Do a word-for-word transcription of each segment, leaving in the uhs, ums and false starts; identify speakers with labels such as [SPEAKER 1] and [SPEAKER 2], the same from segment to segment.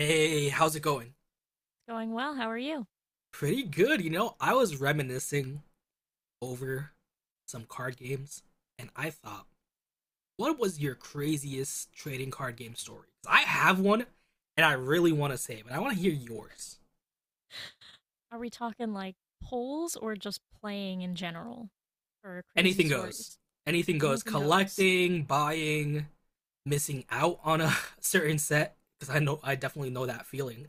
[SPEAKER 1] Hey, how's it going?
[SPEAKER 2] Going well. How are you?
[SPEAKER 1] Pretty good, you know. I was reminiscing over some card games, and I thought, what was your craziest trading card game story?" I have one, and I really want to say it, but I want to hear yours.
[SPEAKER 2] Are we talking like polls or just playing in general for crazy
[SPEAKER 1] Anything goes.
[SPEAKER 2] stories?
[SPEAKER 1] Anything goes.
[SPEAKER 2] Anything goes.
[SPEAKER 1] Collecting, buying, missing out on a certain set, because I know I definitely know that feeling.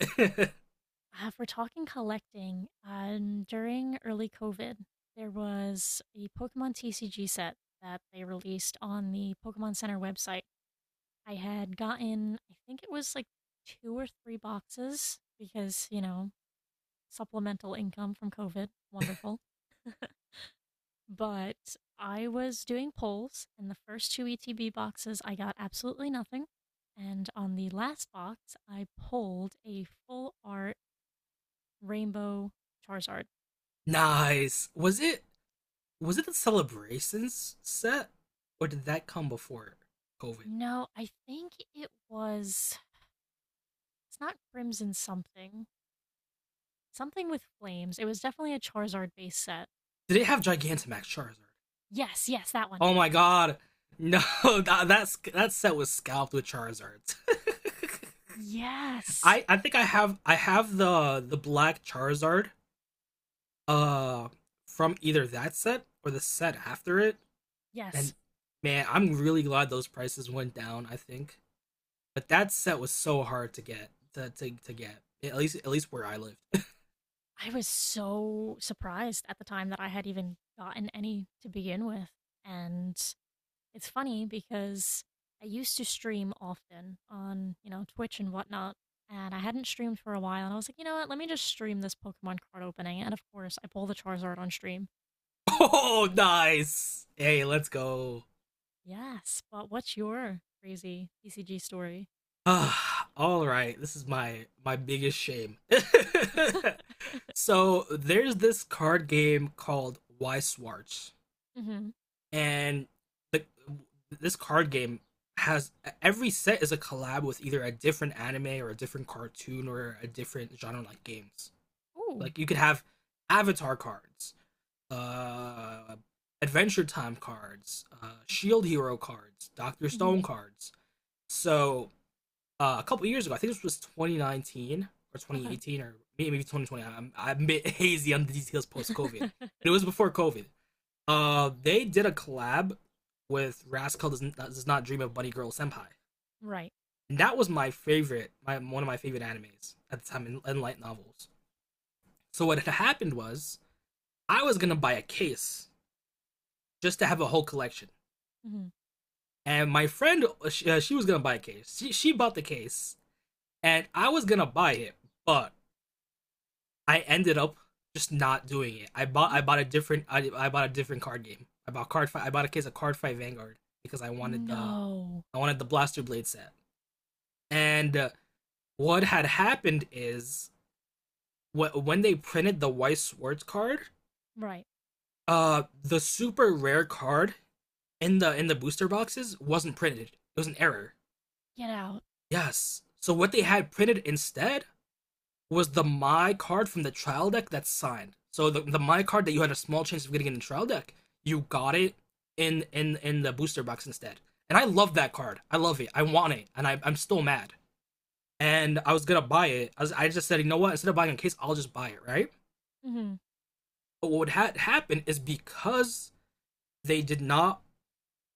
[SPEAKER 2] Uh, if we're talking collecting, um, during early COVID, there was a Pokemon T C G set that they released on the Pokemon Center website. I had gotten, I think it was like two or three boxes because, you know, supplemental income from COVID. Wonderful. But I was doing polls, and the first two E T B boxes, I got absolutely nothing. And on the last box, I pulled a full art rainbow Charizard.
[SPEAKER 1] Nice. Was it was it the celebrations set, or did that come before COVID?
[SPEAKER 2] No, I think it was. It's not Crimson something. Something with flames. It was definitely a Charizard base set.
[SPEAKER 1] Did it have Gigantamax Charizard?
[SPEAKER 2] Yes, yes, that one.
[SPEAKER 1] Oh my god. No, that that's, that set was scalped with Charizards.
[SPEAKER 2] Yes,
[SPEAKER 1] I I think I have I have the the black Charizard uh from either that set or the set after it.
[SPEAKER 2] yes.
[SPEAKER 1] And man, I'm really glad those prices went down, I think. But that set was so hard to get to to, to get. At least at least where I lived.
[SPEAKER 2] I was so surprised at the time that I had even gotten any to begin with. And it's funny because I used to stream often on, you know, Twitch and whatnot, and I hadn't streamed for a while, and I was like, you know what, let me just stream this Pokemon card opening, and of course, I pull the Charizard on stream.
[SPEAKER 1] Oh, nice. Hey, let's go.
[SPEAKER 2] Yes, but what's your crazy P C G story?
[SPEAKER 1] Ah, all right. This is my my biggest shame. So there's this card game called Why Swartz,
[SPEAKER 2] Mm-hmm.
[SPEAKER 1] and the, this card game has every set is a collab with either a different anime or a different cartoon or a different genre like games.
[SPEAKER 2] Ooh.
[SPEAKER 1] Like you could have Avatar cards, uh, Adventure Time cards, uh, Shield Hero cards, Doctor Stone
[SPEAKER 2] Mm-hmm.
[SPEAKER 1] cards. So uh, a couple years ago. I think this was twenty nineteen or
[SPEAKER 2] Okay.
[SPEAKER 1] twenty eighteen or maybe twenty twenty. I'm I'm a bit hazy on the details post COVID. But it was before COVID. Uh, they did a collab with Rascal does, Not, does not dream of Bunny Girl Senpai,
[SPEAKER 2] Right.
[SPEAKER 1] and that was my favorite, my one of my favorite animes at the time in, in light novels. So what had happened was I was gonna buy a case just to have a whole collection,
[SPEAKER 2] Mm-hmm.
[SPEAKER 1] and my friend uh, she, uh, she was gonna buy a case. She she bought the case, and I was gonna buy it, but I ended up just not doing it. I bought I bought a different I, I bought a different card game. I bought card fight. I bought a case of card fight Vanguard because I wanted the
[SPEAKER 2] No.
[SPEAKER 1] I wanted the Blaster Blade set. And uh, what had happened is wh- when they printed the White Swords card,
[SPEAKER 2] Right.
[SPEAKER 1] uh, the super rare card in the in the booster boxes wasn't printed. It was an error.
[SPEAKER 2] Get out.
[SPEAKER 1] Yes. So what they had printed instead was the my card from the trial deck that's signed. So the, the my card that you had a small chance of getting in the trial deck, you got it in in in the booster box instead. And I love that card. I love it. I want it, and I, I'm still mad. And I was gonna buy it. I, was, I just said, you know what? Instead of buying a case, I'll just buy it, right?
[SPEAKER 2] Mm-hmm.
[SPEAKER 1] But what had happened is because they did not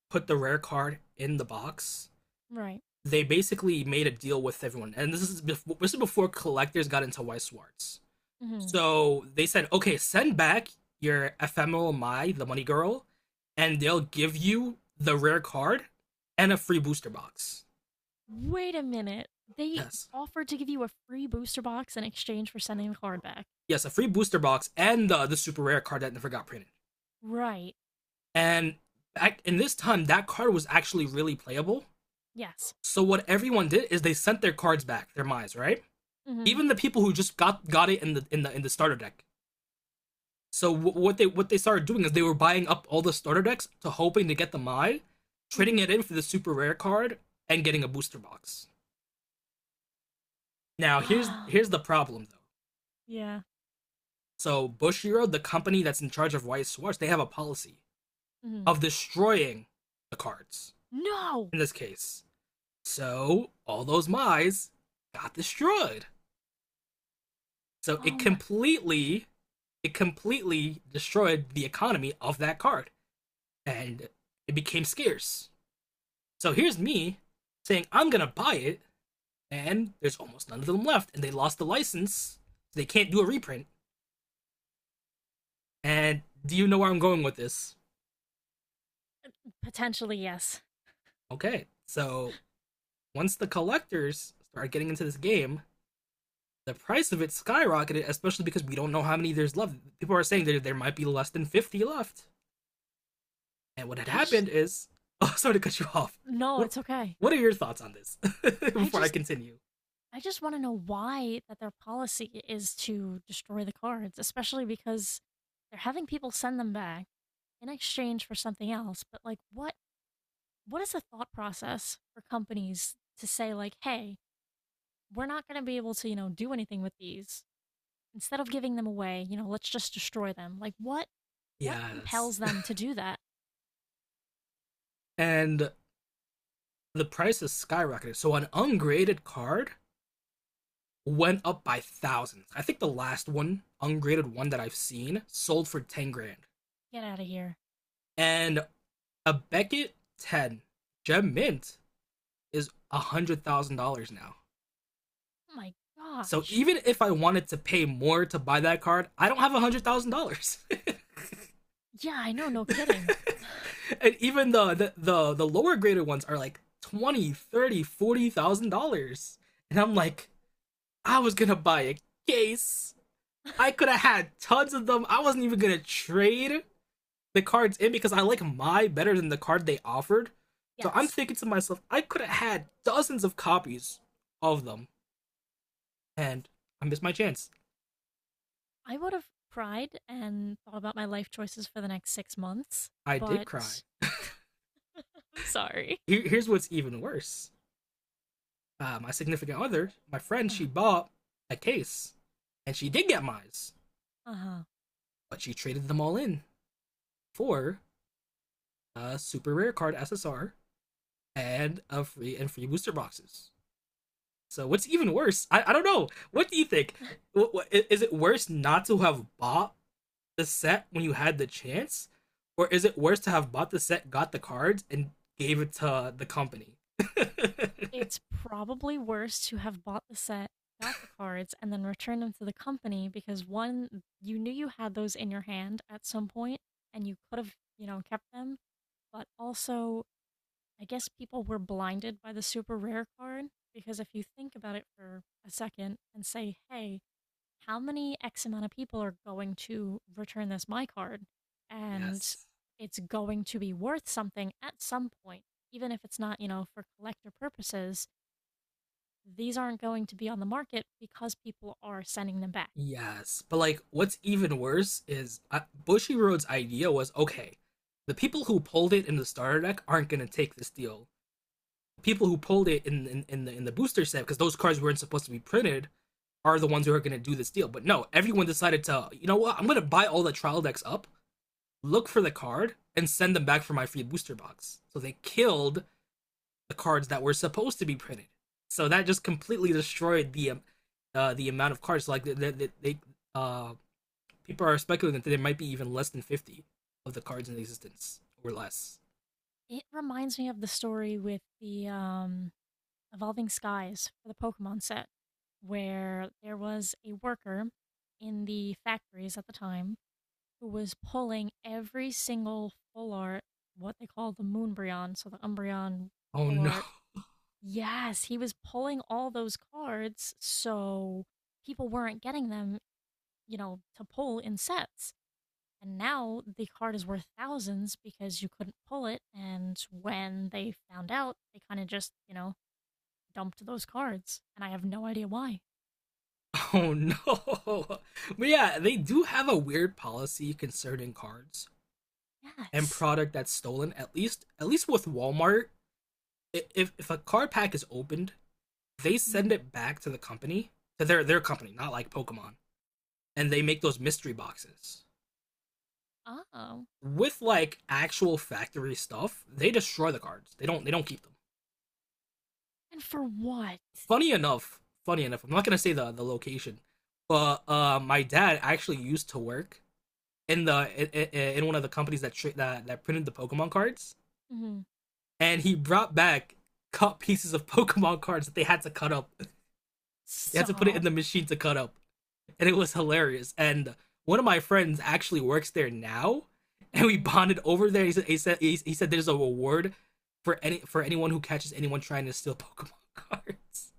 [SPEAKER 1] put the rare card in the box,
[SPEAKER 2] Right.
[SPEAKER 1] they basically made a deal with everyone. And this is before, this is before collectors got into White Swartz.
[SPEAKER 2] Mm-hmm.
[SPEAKER 1] So they said, okay, send back your ephemeral Mai, the money girl, and they'll give you the rare card and a free booster box.
[SPEAKER 2] Wait a minute. They
[SPEAKER 1] Yes.
[SPEAKER 2] offered to give you a free booster box in exchange for sending the card back.
[SPEAKER 1] Yes, a free booster box and the, the super rare card that never got printed.
[SPEAKER 2] Right.
[SPEAKER 1] And back, in this time, that card was actually really playable.
[SPEAKER 2] Yes.
[SPEAKER 1] So what everyone did is they sent their cards back, their Mai's, right?
[SPEAKER 2] Mm
[SPEAKER 1] Even the people who just got got it in the in the in the starter deck. So what they what they started doing is they were buying up all the starter decks to hoping to get the Mai,
[SPEAKER 2] hmm.
[SPEAKER 1] trading
[SPEAKER 2] Mm hmm.
[SPEAKER 1] it in for the super rare card and getting a booster box. Now here's
[SPEAKER 2] Ah,
[SPEAKER 1] here's the problem though.
[SPEAKER 2] yeah.
[SPEAKER 1] So Bushiro, the company that's in charge of White Swartz, they have a policy
[SPEAKER 2] Mm hmm.
[SPEAKER 1] of destroying the cards
[SPEAKER 2] No!
[SPEAKER 1] in this case. So all those Mai's got destroyed. So it
[SPEAKER 2] Oh my gosh.
[SPEAKER 1] completely it completely destroyed the economy of that card and it became scarce. So here's me saying I'm gonna buy it, and there's almost none of them left, and they lost the license. So they can't do a reprint. And do you know where I'm going with this?
[SPEAKER 2] Potentially, yes.
[SPEAKER 1] Okay, so once the collectors started getting into this game, the price of it skyrocketed, especially because we don't know how many there's left. People are saying there there might be less than fifty left. And what had
[SPEAKER 2] I just.
[SPEAKER 1] happened is, oh, sorry to cut you off.
[SPEAKER 2] No,
[SPEAKER 1] What
[SPEAKER 2] it's okay.
[SPEAKER 1] what are your thoughts on this?
[SPEAKER 2] I
[SPEAKER 1] Before I
[SPEAKER 2] just.
[SPEAKER 1] continue.
[SPEAKER 2] I just want to know why that their policy is to destroy the cards, especially because they're having people send them back in exchange for something else. But like, what what is the thought process for companies to say like, "Hey, we're not going to be able to, you know, do anything with these. Instead of giving them away, you know, let's just destroy them. Like what what
[SPEAKER 1] Yes.
[SPEAKER 2] compels them to do that?
[SPEAKER 1] And the price has skyrocketed. So an ungraded card went up by thousands. I think the last one, ungraded one that I've seen, sold for 10 grand.
[SPEAKER 2] Get out of here.
[SPEAKER 1] And a Beckett ten gem mint is one hundred thousand dollars now.
[SPEAKER 2] Oh my
[SPEAKER 1] So
[SPEAKER 2] gosh.
[SPEAKER 1] even if I wanted to pay more to buy that card, I don't have one hundred thousand dollars.
[SPEAKER 2] Yeah, I know, no kidding.
[SPEAKER 1] And even the, the the the lower graded ones are like twenty, thousand dollars, thirty, forty thousand dollars. Forty thousand dollars. And I'm like, I was going to buy a case I could have had tons of them. I wasn't even gonna trade the cards in because I like my better than the card they offered. So I'm
[SPEAKER 2] Yes.
[SPEAKER 1] thinking to myself, I could have had dozens of copies of them, and I missed my chance.
[SPEAKER 2] I would have cried and thought about my life choices for the next six months,
[SPEAKER 1] I did cry.
[SPEAKER 2] but I'm sorry.
[SPEAKER 1] Here's what's even worse. Uh, my significant other, my friend, she
[SPEAKER 2] Uh,
[SPEAKER 1] bought a case, and she did get mine,
[SPEAKER 2] uh-huh.
[SPEAKER 1] but she traded them all in for a super rare card S S R and a free and free booster boxes. So what's even worse? I, I don't know. What do you think? What, what, is it worse not to have bought the set when you had the chance, or is it worse to have bought the set, got the cards, and gave it to the company?
[SPEAKER 2] It's probably worse to have bought the set, got the cards, and then returned them to the company because one, you knew you had those in your hand at some point and you could have, you know, kept them. But also, I guess people were blinded by the super rare card because if you think about it for a second and say, hey, how many X amount of people are going to return this my card? And
[SPEAKER 1] Yes,
[SPEAKER 2] it's going to be worth something at some point, even if it's not, you know, for collector purposes these aren't going to be on the market because people are sending them back.
[SPEAKER 1] yes. But like, what's even worse is uh, Bushy idea was okay. The people who pulled it in the starter deck aren't gonna take this deal. People who pulled it in in, in the in the booster set because those cards weren't supposed to be printed are the ones who are going to do this deal. But no, everyone decided to, you know what? I'm going to buy all the trial decks up, look for the card, and send them back for my free booster box. So they killed the cards that were supposed to be printed. So that just completely destroyed the um, uh, the amount of cards. Like they, they, they uh, people are speculating that there might be even less than fifty of the cards in existence or less.
[SPEAKER 2] It reminds me of the story with the um, Evolving Skies for the Pokemon set, where there was a worker in the factories at the time who was pulling every single full art, what they call the Moonbryon, so the Umbreon
[SPEAKER 1] Oh
[SPEAKER 2] full
[SPEAKER 1] no,
[SPEAKER 2] art. Yes, he was pulling all those cards so people weren't getting them, you know, to pull in sets. And now the card is worth thousands because you couldn't pull it. And when they found out, they kind of just, you know, dumped those cards. And I have no idea why.
[SPEAKER 1] oh no. But yeah, they do have a weird policy concerning cards and
[SPEAKER 2] Yes.
[SPEAKER 1] product that's stolen at least at least with Walmart. If, if a card pack is opened, they send
[SPEAKER 2] Mm.
[SPEAKER 1] it back to the company, to their their company, not like Pokemon, and they make those mystery boxes
[SPEAKER 2] Oh.
[SPEAKER 1] with like actual factory stuff. They destroy the cards. They don't they don't keep them.
[SPEAKER 2] And for what?
[SPEAKER 1] Funny enough funny enough I'm not gonna say the the location, but uh my dad actually used to work in the in, in one of the companies that tra- that that printed the Pokemon cards,
[SPEAKER 2] Mm.
[SPEAKER 1] and he brought back cut pieces of Pokemon cards that they had to cut up. They had to put it in
[SPEAKER 2] Stop.
[SPEAKER 1] the machine to cut up, and it was hilarious. And one of my friends actually works there now, and we
[SPEAKER 2] Mm.
[SPEAKER 1] bonded over there. He said he said he, he said there's a reward for any for anyone who catches anyone trying to steal Pokemon cards.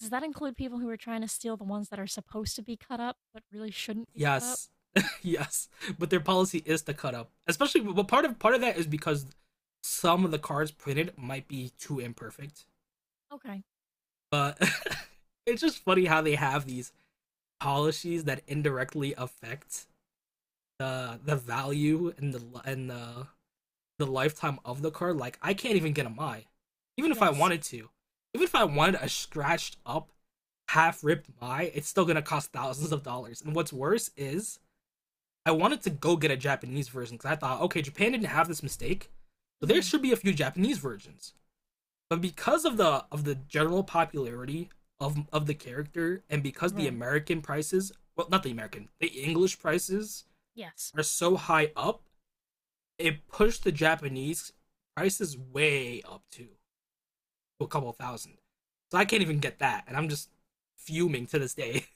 [SPEAKER 2] Does that include people who are trying to steal the ones that are supposed to be cut up but really shouldn't be cut up?
[SPEAKER 1] Yes, yes, but their policy is to cut up, especially. But part of part of that is because some of the cards printed might be too imperfect,
[SPEAKER 2] Okay.
[SPEAKER 1] but. It's just funny how they have these policies that indirectly affect the the value and the and the the lifetime of the card. Like I can't even get a my, even if I
[SPEAKER 2] Yes.
[SPEAKER 1] wanted to, even if I wanted a scratched up half ripped my, it's still gonna cost thousands of dollars. And what's worse is I wanted to go get a Japanese version because I thought, okay, Japan didn't have this mistake, so there
[SPEAKER 2] Mm.
[SPEAKER 1] should be a few Japanese versions, but because of the of the general popularity of of the character and because the
[SPEAKER 2] Right.
[SPEAKER 1] American prices, well, not the American, the English prices
[SPEAKER 2] Yes.
[SPEAKER 1] are so high up, it pushed the Japanese prices way up too, to a couple thousand. So I can't even get that, and I'm just fuming to this day.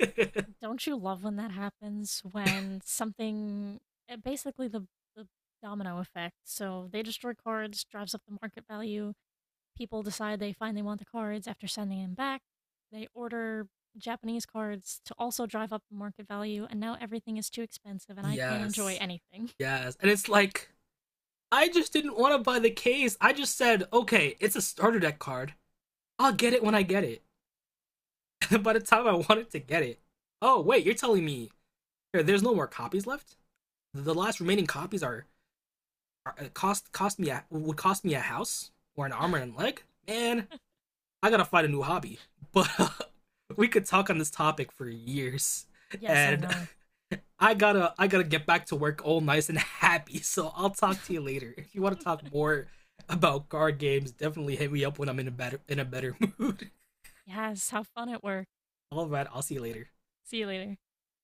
[SPEAKER 2] Don't you love when that happens? When something, uh, basically the, the domino effect. So they destroy cards, drives up the market value. People decide they finally want the cards after sending them back. They order Japanese cards to also drive up the market value, and now everything is too expensive and I can't enjoy
[SPEAKER 1] Yes,
[SPEAKER 2] anything.
[SPEAKER 1] yes, and it's like I just didn't want to buy the case. I just said, okay, it's a starter deck card. I'll get it when I get it. By the time I wanted to get it, oh wait, you're telling me here, there's no more copies left. The last remaining copies are, are uh, cost cost me a, would cost me a house or an arm and a leg. Man, I gotta find a new hobby. But we could talk on this topic for years,
[SPEAKER 2] Yes, I
[SPEAKER 1] and
[SPEAKER 2] know.
[SPEAKER 1] I gotta I gotta get back to work all nice and happy. So I'll talk to you later. If you want to talk more about card games, definitely hit me up when I'm in a better in a better mood.
[SPEAKER 2] Yes, have fun at work.
[SPEAKER 1] All right, I'll see you later.
[SPEAKER 2] See you later.